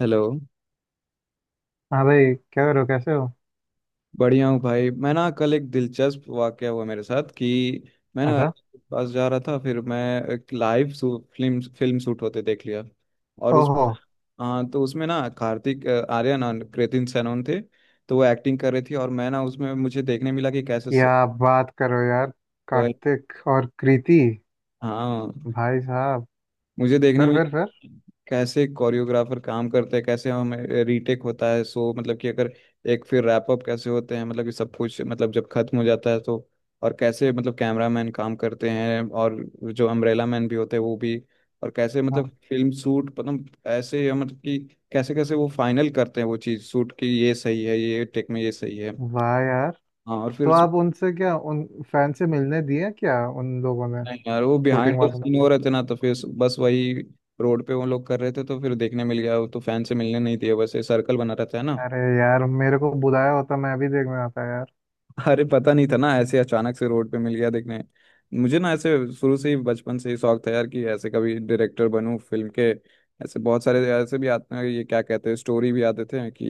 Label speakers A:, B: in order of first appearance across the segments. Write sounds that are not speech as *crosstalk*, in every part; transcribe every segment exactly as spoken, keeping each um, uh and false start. A: Hello.
B: हाँ भाई। क्या करो? कैसे हो?
A: बढ़िया हूँ भाई। मैं ना कल एक दिलचस्प वाकया हुआ मेरे साथ कि मैं ना
B: अच्छा।
A: पास जा रहा था। फिर मैं एक लाइव फिल्म फिल्म शूट होते देख लिया, और उस
B: ओहो।
A: हाँ। तो उसमें ना कार्तिक अ, आर्यन और कृतिन सेनन थे। तो वो एक्टिंग कर रहे थे और मैं ना उसमें मुझे देखने मिला कि कैसे स-
B: क्या बात करो यार!
A: वो-
B: कार्तिक और कृति।
A: हाँ
B: भाई साहब।
A: मुझे देखने
B: फिर
A: में
B: फिर फिर?
A: कैसे कोरियोग्राफर काम करते हैं, कैसे हमें रीटेक होता है। सो मतलब कि अगर एक फिर रैप अप कैसे होते हैं, मतलब कि सब कुछ, मतलब जब खत्म हो जाता है तो। और कैसे मतलब कैमरा मैन काम करते हैं, और जो अम्ब्रेला मैन भी होते हैं वो भी। और कैसे मतलब
B: हाँ।
A: फिल्म शूट मतलब ऐसे मतलब कि कैसे कैसे वो फाइनल करते हैं वो चीज़ शूट की, ये सही है ये टेक में ये सही है।
B: वाह यार।
A: हाँ, और फिर
B: तो आप उनसे क्या, उन फैन से मिलने दिए क्या उन लोगों ने?
A: नहीं यार वो बिहाइंड
B: शूटिंग
A: द
B: वालों ने?
A: सीन हो रहे थे ना, तो फिर बस वही रोड पे वो लोग कर रहे थे तो फिर देखने मिल गया। वो तो फैन से मिलने नहीं दिए, बस ये सर्कल बना रहता है ना।
B: अरे यार, मेरे को बुलाया होता, मैं भी देखने आता यार।
A: *laughs* अरे पता नहीं था ना, ऐसे अचानक से रोड पे मिल गया देखने। मुझे ना ऐसे शुरू से ही बचपन से ही शौक था यार कि ऐसे कभी डायरेक्टर बनूं फिल्म के। ऐसे बहुत सारे ऐसे भी आते हैं ये क्या कहते हैं, स्टोरी भी आते थे कि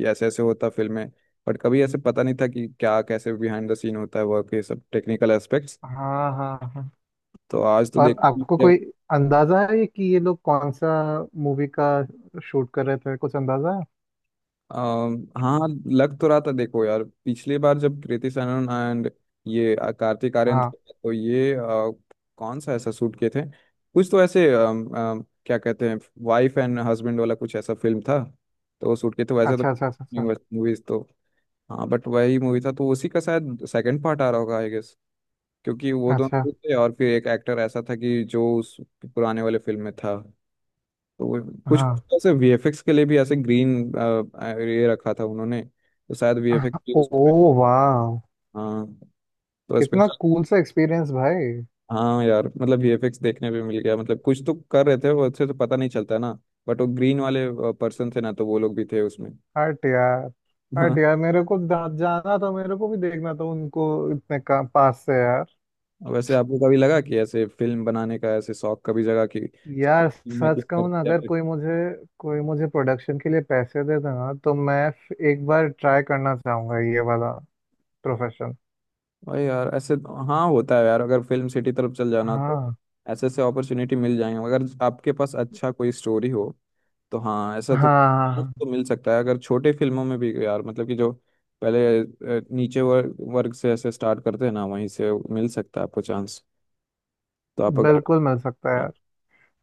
A: ये ऐसे ऐसे होता फिल्म में। बट कभी ऐसे पता नहीं था कि क्या कैसे बिहाइंड द सीन होता है वर्क, ये सब टेक्निकल एस्पेक्ट्स।
B: हाँ हाँ हाँ।
A: तो आज तो
B: और
A: देख
B: आपको कोई अंदाजा है कि ये लोग कौन सा मूवी का शूट कर रहे थे? कुछ अंदाजा है?
A: अम, हाँ। लग तो रहा था, देखो यार पिछली बार जब कृति सनन एंड ये अ, कार्तिक आर्यन
B: हाँ।
A: थे, तो ये अ, कौन सा ऐसा शूट किए थे, कुछ तो ऐसे अम, अम, क्या कहते हैं वाइफ एंड हस्बैंड वाला कुछ ऐसा फिल्म था। तो वो शूट किए थे वैसे तो
B: अच्छा अच्छा अच्छा अच्छा
A: मूवीज तो, हाँ, बट वही मूवी था तो उसी का शायद सेकंड पार्ट आ रहा होगा आई गेस। क्योंकि वो
B: अच्छा।
A: दोनों थे और फिर एक एक्टर ऐसा था कि जो उस पुराने वाले फिल्म में था। तो वो कुछ कुछ
B: हाँ।
A: ऐसे वीएफएक्स के लिए भी ऐसे ग्रीन ये रखा था उन्होंने, तो शायद वीएफएक्स भी उस,
B: ओ वाह।
A: हाँ तो
B: कितना
A: स्पेशल।
B: कूल सा एक्सपीरियंस भाई!
A: हाँ यार, मतलब वीएफएक्स देखने पे मिल गया, मतलब कुछ तो कर रहे थे वो अच्छे तो पता नहीं चलता ना। बट वो ग्रीन वाले पर्सन थे ना तो वो लोग भी थे उसमें।
B: हट यार!
A: हाँ।
B: हट यार, मेरे को जा- जाना था, मेरे को भी देखना था उनको इतने का, पास से यार।
A: वैसे आपको कभी लगा कि ऐसे फिल्म बनाने का ऐसे शौक कभी जगह कि चलो
B: यार,
A: फिल्म
B: सच
A: मेकिंग
B: कहूँ ना,
A: करते हैं
B: अगर
A: फिर।
B: कोई मुझे कोई मुझे प्रोडक्शन के लिए पैसे दे देना तो मैं फ- एक बार ट्राई करना चाहूंगा ये वाला प्रोफेशन।
A: भाई यार ऐसे तो, हाँ होता है यार, अगर फिल्म सिटी तरफ चल जाना तो
B: हाँ
A: ऐसे ऐसे अपॉर्चुनिटी मिल जाएंगे, अगर आपके पास अच्छा कोई स्टोरी हो तो, हाँ ऐसा
B: हाँ
A: तो
B: हाँ हाँ,
A: मौका तो
B: हाँ।
A: मिल सकता है। अगर छोटे फिल्मों में भी यार मतलब कि जो पहले अ, नीचे वर्ग वर्ग से ऐसे स्टार्ट करते हैं ना, वहीं से मिल सकता है आपको चांस। तो आप अगर,
B: बिल्कुल मिल सकता है यार।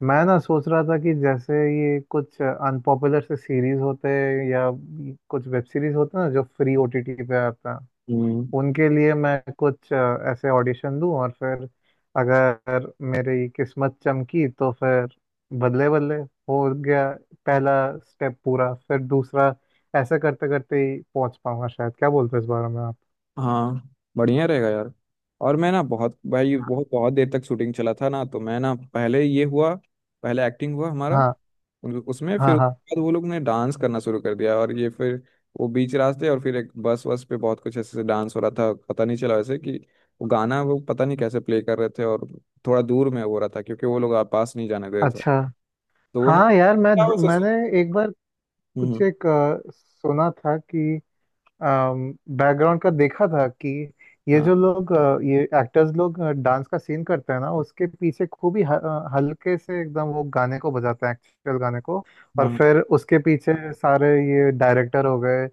B: मैं ना सोच रहा था कि जैसे ये कुछ अनपॉपुलर से सीरीज होते हैं या कुछ वेब सीरीज होते हैं ना, जो फ्री ओ टी टी पे आते हैं,
A: हम्म,
B: उनके लिए मैं कुछ अ, ऐसे ऑडिशन दूं और फिर अगर मेरी किस्मत चमकी तो फिर बदले बदले हो गया, पहला स्टेप पूरा, फिर दूसरा, ऐसे करते करते ही पहुंच पाऊंगा शायद। क्या बोलते हो इस बारे में आप?
A: हाँ, बढ़िया रहेगा यार। और मैं ना बहुत भाई बहुत बहुत देर तक शूटिंग चला था ना, तो मैं ना पहले ये हुआ, पहले एक्टिंग हुआ हमारा।
B: हाँ
A: उन- उसमें फिर
B: हाँ हाँ।
A: उसके बाद वो लोग ने डांस करना शुरू कर दिया, और ये फिर वो बीच रास्ते, और फिर एक बस वस पे बहुत कुछ ऐसे से डांस हो रहा था, पता नहीं चला वैसे कि वो गाना वो पता नहीं कैसे प्ले कर रहे थे। और थोड़ा दूर में हो रहा था क्योंकि वो लोग आ- पास नहीं जाने दे रहे थे।
B: अच्छा।
A: तो वो ना
B: हाँ यार, मैं
A: क्या वैसे से-
B: मैंने एक बार
A: हम्म
B: कुछ
A: हम्म,
B: एक अ, सुना था कि बैकग्राउंड का देखा था कि ये
A: हाँ
B: जो लोग अ, ये एक्टर्स लोग डांस का सीन करते हैं ना, उसके पीछे खूब ही ह- अ, हल्के से एकदम वो गाने को बजाते हैं, एक्चुअल गाने को। और
A: हाँ
B: फिर उसके पीछे सारे ये डायरेक्टर हो गए,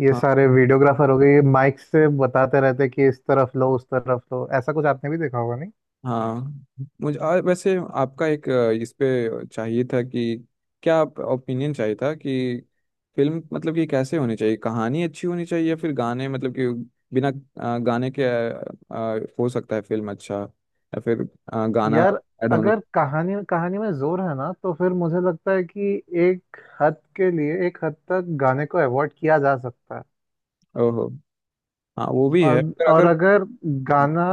B: ये
A: हाँ,
B: सारे वीडियोग्राफर हो गए, ये माइक से बताते रहते हैं कि इस तरफ लो, उस तरफ लो। ऐसा कुछ आपने भी देखा होगा नहीं?
A: हाँ मुझे आ, वैसे आपका एक अ, इस पे चाहिए था कि, क्या आप ओपिनियन चाहिए था कि फिल्म मतलब कि कैसे होनी चाहिए, कहानी अच्छी होनी चाहिए या फिर गाने, मतलब कि बिना अ, गाने के अ, अ, हो सकता है फिल्म अच्छा, या फिर अ, गाना
B: यार,
A: ऐड होना।
B: अगर कहानी कहानी में जोर है ना, तो फिर मुझे लगता है कि एक हद के लिए एक हद तक गाने को अवॉइड किया जा सकता है।
A: ओहो। हाँ वो भी है
B: और
A: पर
B: और
A: अगर,
B: अगर गाना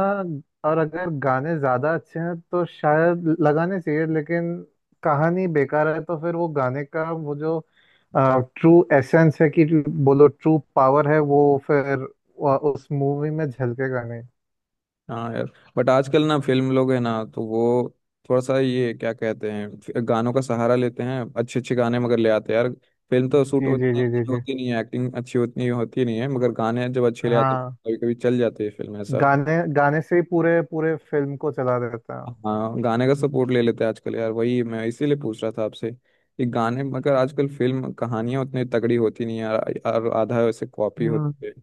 B: और अगर गाने ज्यादा अच्छे हैं तो शायद लगाने चाहिए, लेकिन कहानी बेकार है तो फिर वो गाने का वो जो ट्रू एसेंस है, कि बोलो ट्रू पावर है वो, फिर अ, उस मूवी में झलकेगा नहीं।
A: हाँ यार। बट आजकल ना फिल्म लोग है ना तो वो थोड़ा सा ये क्या कहते हैं फि- गानों का सहारा लेते हैं, अच्छे अच्छे गाने मगर ले आते हैं यार। फिल्म तो शूट
B: जी जी
A: होती
B: जी जी जी।
A: होती नहीं है, एक्टिंग अच्छी उतनी होती नहीं है, मगर गाने जब अच्छे ले आते हैं
B: हाँ,
A: कभी कभी चल जाती है फिल्म ऐसा।
B: गाने गाने से ही पूरे पूरे फिल्म को चला देता
A: हाँ, गाने का सपोर्ट ले लेते हैं आजकल यार, वही मैं इसीलिए पूछ रहा था आपसे कि गाने मगर आजकल फिल्म कहानियां उतनी तगड़ी होती नहीं है यार, और आधा वैसे कॉपी
B: है।
A: होती है।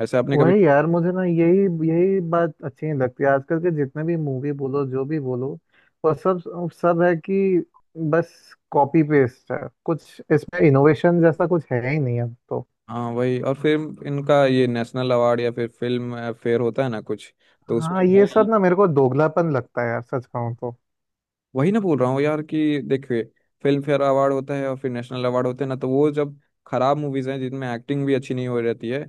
A: वैसे आपने कभी,
B: वही यार, मुझे ना यही यही बात अच्छी नहीं लगती, आजकल के जितने भी मूवी बोलो जो भी बोलो, वो सब सब है कि बस कॉपी पेस्ट है, कुछ इसमें इनोवेशन जैसा कुछ है ही नहीं अब तो।
A: हाँ वही और फिर इनका ये नेशनल अवार्ड या फिर फिल्म फेयर होता है ना कुछ, तो उसमें
B: हाँ, ये सब
A: भाई
B: ना मेरे को दोगलापन लगता है यार, सच कहूँ तो।
A: वही ना बोल रहा हूँ यार कि देखिए फिल्म फेयर अवार्ड होता है और फिर नेशनल अवार्ड होते हैं ना, तो वो जब खराब मूवीज हैं जिनमें एक्टिंग भी अच्छी नहीं हो रहती है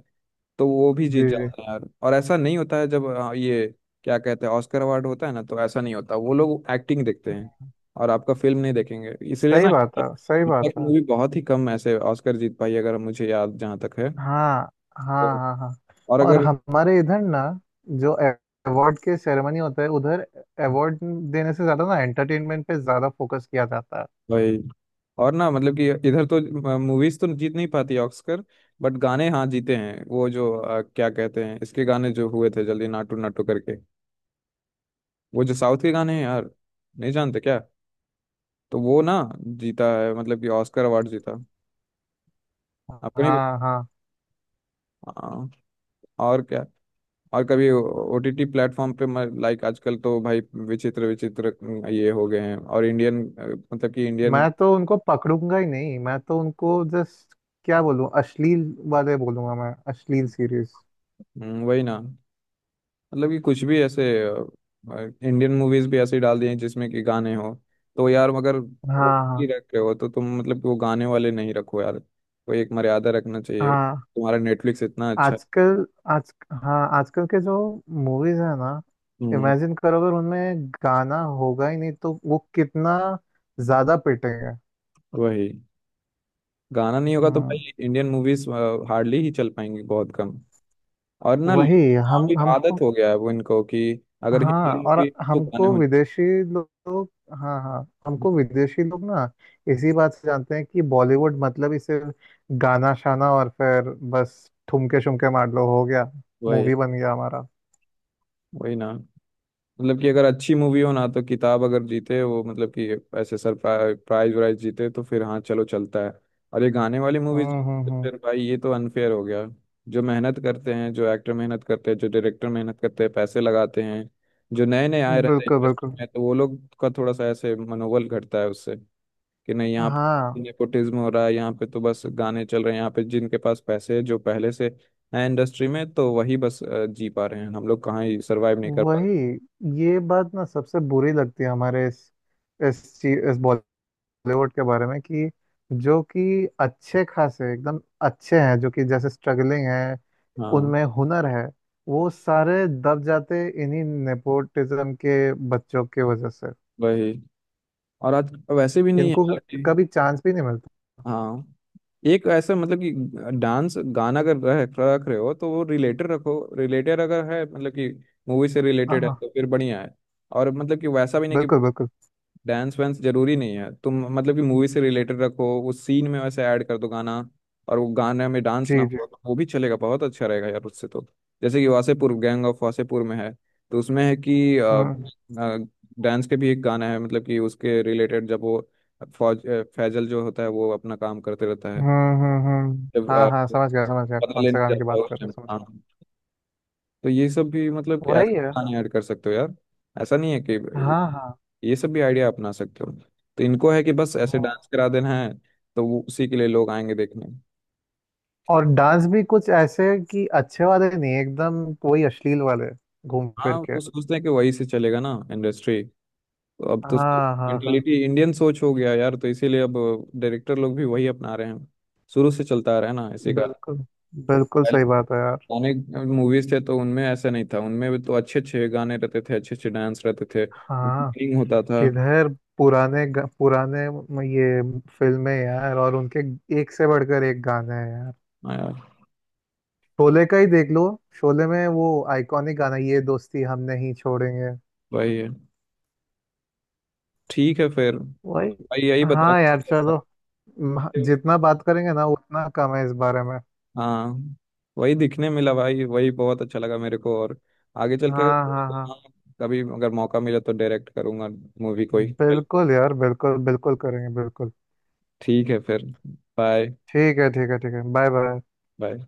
A: तो वो भी जीत
B: जी जी।
A: जाते हैं यार। और ऐसा नहीं होता है जब अ, ये क्या कहते हैं ऑस्कर अवार्ड होता है ना, तो ऐसा नहीं होता, वो लोग एक्टिंग देखते हैं और आपका फिल्म नहीं देखेंगे इसलिए
B: सही
A: ना।
B: बात है, सही बात है।
A: मूवी बहुत ही कम ऐसे ऑस्कर जीत पाई अगर मुझे याद जहाँ तक है।
B: हाँ हाँ
A: तो-
B: हाँ हाँ।
A: और
B: और
A: अगर
B: हमारे इधर ना, जो अवार्ड के सेरेमनी होता है उधर, अवार्ड देने से ज्यादा ना एंटरटेनमेंट पे ज्यादा फोकस किया जाता है।
A: भाई, और ना मतलब कि इधर तो मूवीज तो जीत नहीं पाती ऑस्कर, बट गाने हाँ जीते हैं। वो जो अ, क्या कहते हैं इसके गाने जो हुए थे जल्दी नाटू नाटू करके, वो जो साउथ के गाने हैं यार नहीं जानते क्या, तो वो ना जीता है मतलब कि ऑस्कर अवार्ड जीता, आपको नहीं।
B: हाँ हाँ।
A: हाँ, और क्या। और कभी ओटीटी प्लेटफॉर्म पे लाइक आजकल तो भाई विचित्र विचित्र ये हो गए हैं, और इंडियन मतलब कि इंडियन,
B: मैं तो उनको पकड़ूंगा ही नहीं, मैं तो उनको जस्ट क्या बोलूं, अश्लील वाले बोलूंगा मैं, अश्लील सीरीज।
A: वही ना मतलब कि कुछ भी ऐसे इंडियन मूवीज भी ऐसे ही डाल दिए जिसमें कि गाने हो। तो यार अगर ओटीटी
B: हाँ
A: रख रहे हो तो तुम मतलब कि वो गाने वाले नहीं रखो यार, कोई एक मर्यादा रखना चाहिए,
B: हाँ।
A: तुम्हारा नेटफ्लिक्स इतना अच्छा है।
B: आजकल आज हाँ, आजकल के जो मूवीज है ना,
A: हम्म।
B: इमेजिन करो अगर उनमें गाना होगा ही नहीं तो वो कितना ज्यादा पिटेंगे।
A: वही। गाना नहीं होगा तो
B: हाँ।
A: भाई इंडियन मूवीज हार्डली ही चल पाएंगी बहुत कम। और ना
B: वही।
A: लोगों
B: हम
A: की आदत
B: हमको
A: हो गया है वो इनको कि अगर
B: हाँ।
A: हिंदी
B: और
A: मूवी तो गाने
B: हमको
A: होते
B: विदेशी लोग हाँ हाँ।
A: हैं।
B: हमको विदेशी लोग ना इसी बात से जानते हैं कि बॉलीवुड मतलब ही सिर्फ गाना शाना, और फिर बस ठुमके शुमके मार लो, हो गया,
A: वही।
B: मूवी बन गया हमारा।
A: वही ना, मतलब कि अगर अच्छी मूवी हो ना तो किताब अगर जीते वो, मतलब कि ऐसे सर प्राइज वाइज जीते तो फिर हाँ चलो चलता है। और ये गाने वाली मूवीज,
B: हम्म, हम्म,
A: फिर भाई ये तो अनफेयर हो गया। जो मेहनत करते हैं, जो एक्टर मेहनत करते हैं, जो डायरेक्टर मेहनत करते हैं, पैसे लगाते हैं, जो नए नए आए
B: हम्म।
A: रहते हैं
B: बिल्कुल
A: इंडस्ट्री
B: बिल्कुल।
A: में, तो वो लोग का थोड़ा सा ऐसे मनोबल घटता है उससे कि नहीं, यहाँ पे
B: हाँ
A: नेपोटिज्म हो रहा है, यहाँ पे तो बस गाने चल रहे हैं, यहाँ पे जिनके पास पैसे है जो पहले से है इंडस्ट्री में तो वही बस अ, जी पा रहे हैं, हम लोग कहाँ ही सर्वाइव नहीं कर पा रहे।
B: वही। ये बात ना सबसे बुरी लगती है हमारे इस इस चीज इस बॉलीवुड के बारे में, कि जो कि अच्छे खासे एकदम अच्छे हैं, जो कि जैसे स्ट्रगलिंग है,
A: हाँ,
B: उनमें हुनर है, वो सारे दब जाते इन्हीं नेपोटिज्म के बच्चों के वजह से।
A: वही। और आज वैसे भी नहीं है
B: इनको
A: यार कि,
B: कभी चांस भी नहीं मिलता।
A: हाँ एक ऐसा मतलब कि डांस गाना अगर रख रख रहे हो तो वो रिलेटेड रखो, रिलेटेड अगर है मतलब कि मूवी से
B: हाँ
A: रिलेटेड है
B: हाँ।
A: तो फिर बढ़िया है। और मतलब कि वैसा भी नहीं कि
B: बिल्कुल बिल्कुल।
A: डांस वांस जरूरी नहीं है, तुम मतलब कि मूवी से रिलेटेड रखो, उस सीन में वैसे ऐड कर दो गाना, और वो गाने में डांस ना
B: जी जी।
A: हो तो वो भी चलेगा, बहुत अच्छा रहेगा यार उससे तो। जैसे कि वासेपुर गैंग ऑफ वासेपुर में है, तो उसमें है कि
B: हम्म,
A: डांस के भी एक गाना है मतलब कि उसके रिलेटेड जब वो फौज अ, फैजल जो होता है वो अपना काम करते रहता है,
B: हम्म, हम्म, हम्म।
A: जब
B: हाँ
A: अ,
B: हाँ, समझ गया, समझ गया
A: पता
B: कौन
A: लेने
B: से गाने की
A: जाता है
B: बात
A: उस
B: कर रहे हो,
A: टाइम,
B: समझ
A: हाँ।
B: गया।
A: तो ये सब भी मतलब कि ऐसे
B: वही है।
A: गाने ऐड कर सकते हो यार, ऐसा नहीं है कि
B: हाँ हाँ।
A: ये सब भी आइडिया अपना सकते हो। तो इनको है कि बस ऐसे
B: हम्म।
A: डांस करा देना है तो वो उसी के लिए लोग आएंगे देखने।
B: और डांस भी कुछ ऐसे कि अच्छे वाले नहीं, एकदम वही अश्लील वाले, घूम
A: हाँ,
B: फिर के।
A: वो सोचते हैं कि वही से चलेगा ना इंडस्ट्री, तो अब तो
B: हाँ हाँ हाँ।
A: मेंटेलिटी इंडियन सोच हो गया यार, तो इसीलिए अब डायरेक्टर लोग भी वही अपना रहे हैं, शुरू से चलता आ रहा है ना इसी का।
B: बिल्कुल बिल्कुल,
A: पहले
B: सही बात है यार।
A: पुराने मूवीज थे तो उनमें ऐसा नहीं था, उनमें भी तो अच्छे अच्छे गाने रहते थे, अच्छे अच्छे डांस रहते थे,
B: हाँ।
A: singing होता था।
B: किधर? पुराने ग- पुराने म- ये फिल्में यार, और उनके एक से बढ़कर एक गाने हैं यार।
A: हाँ यार,
B: शोले का ही देख लो। शोले में वो आइकॉनिक गाना, ये दोस्ती हम नहीं छोड़ेंगे।
A: वही है। ठीक है फिर
B: वही।
A: भाई यही बता,
B: हाँ यार, चलो। म- जितना बात करेंगे ना उतना कम है इस बारे में।
A: हाँ वही दिखने मिला भाई वही बहुत अच्छा लगा मेरे को। और आगे चल के
B: हाँ हाँ
A: अगर
B: हाँ।
A: हाँ, कभी अगर मौका मिला तो डायरेक्ट करूंगा मूवी कोई चल।
B: बिल्कुल यार, बिल्कुल बिल्कुल करेंगे बिल्कुल।
A: ठीक है फिर। बाय।
B: ठीक है, ठीक है, ठीक है। Bye bye.
A: बाय।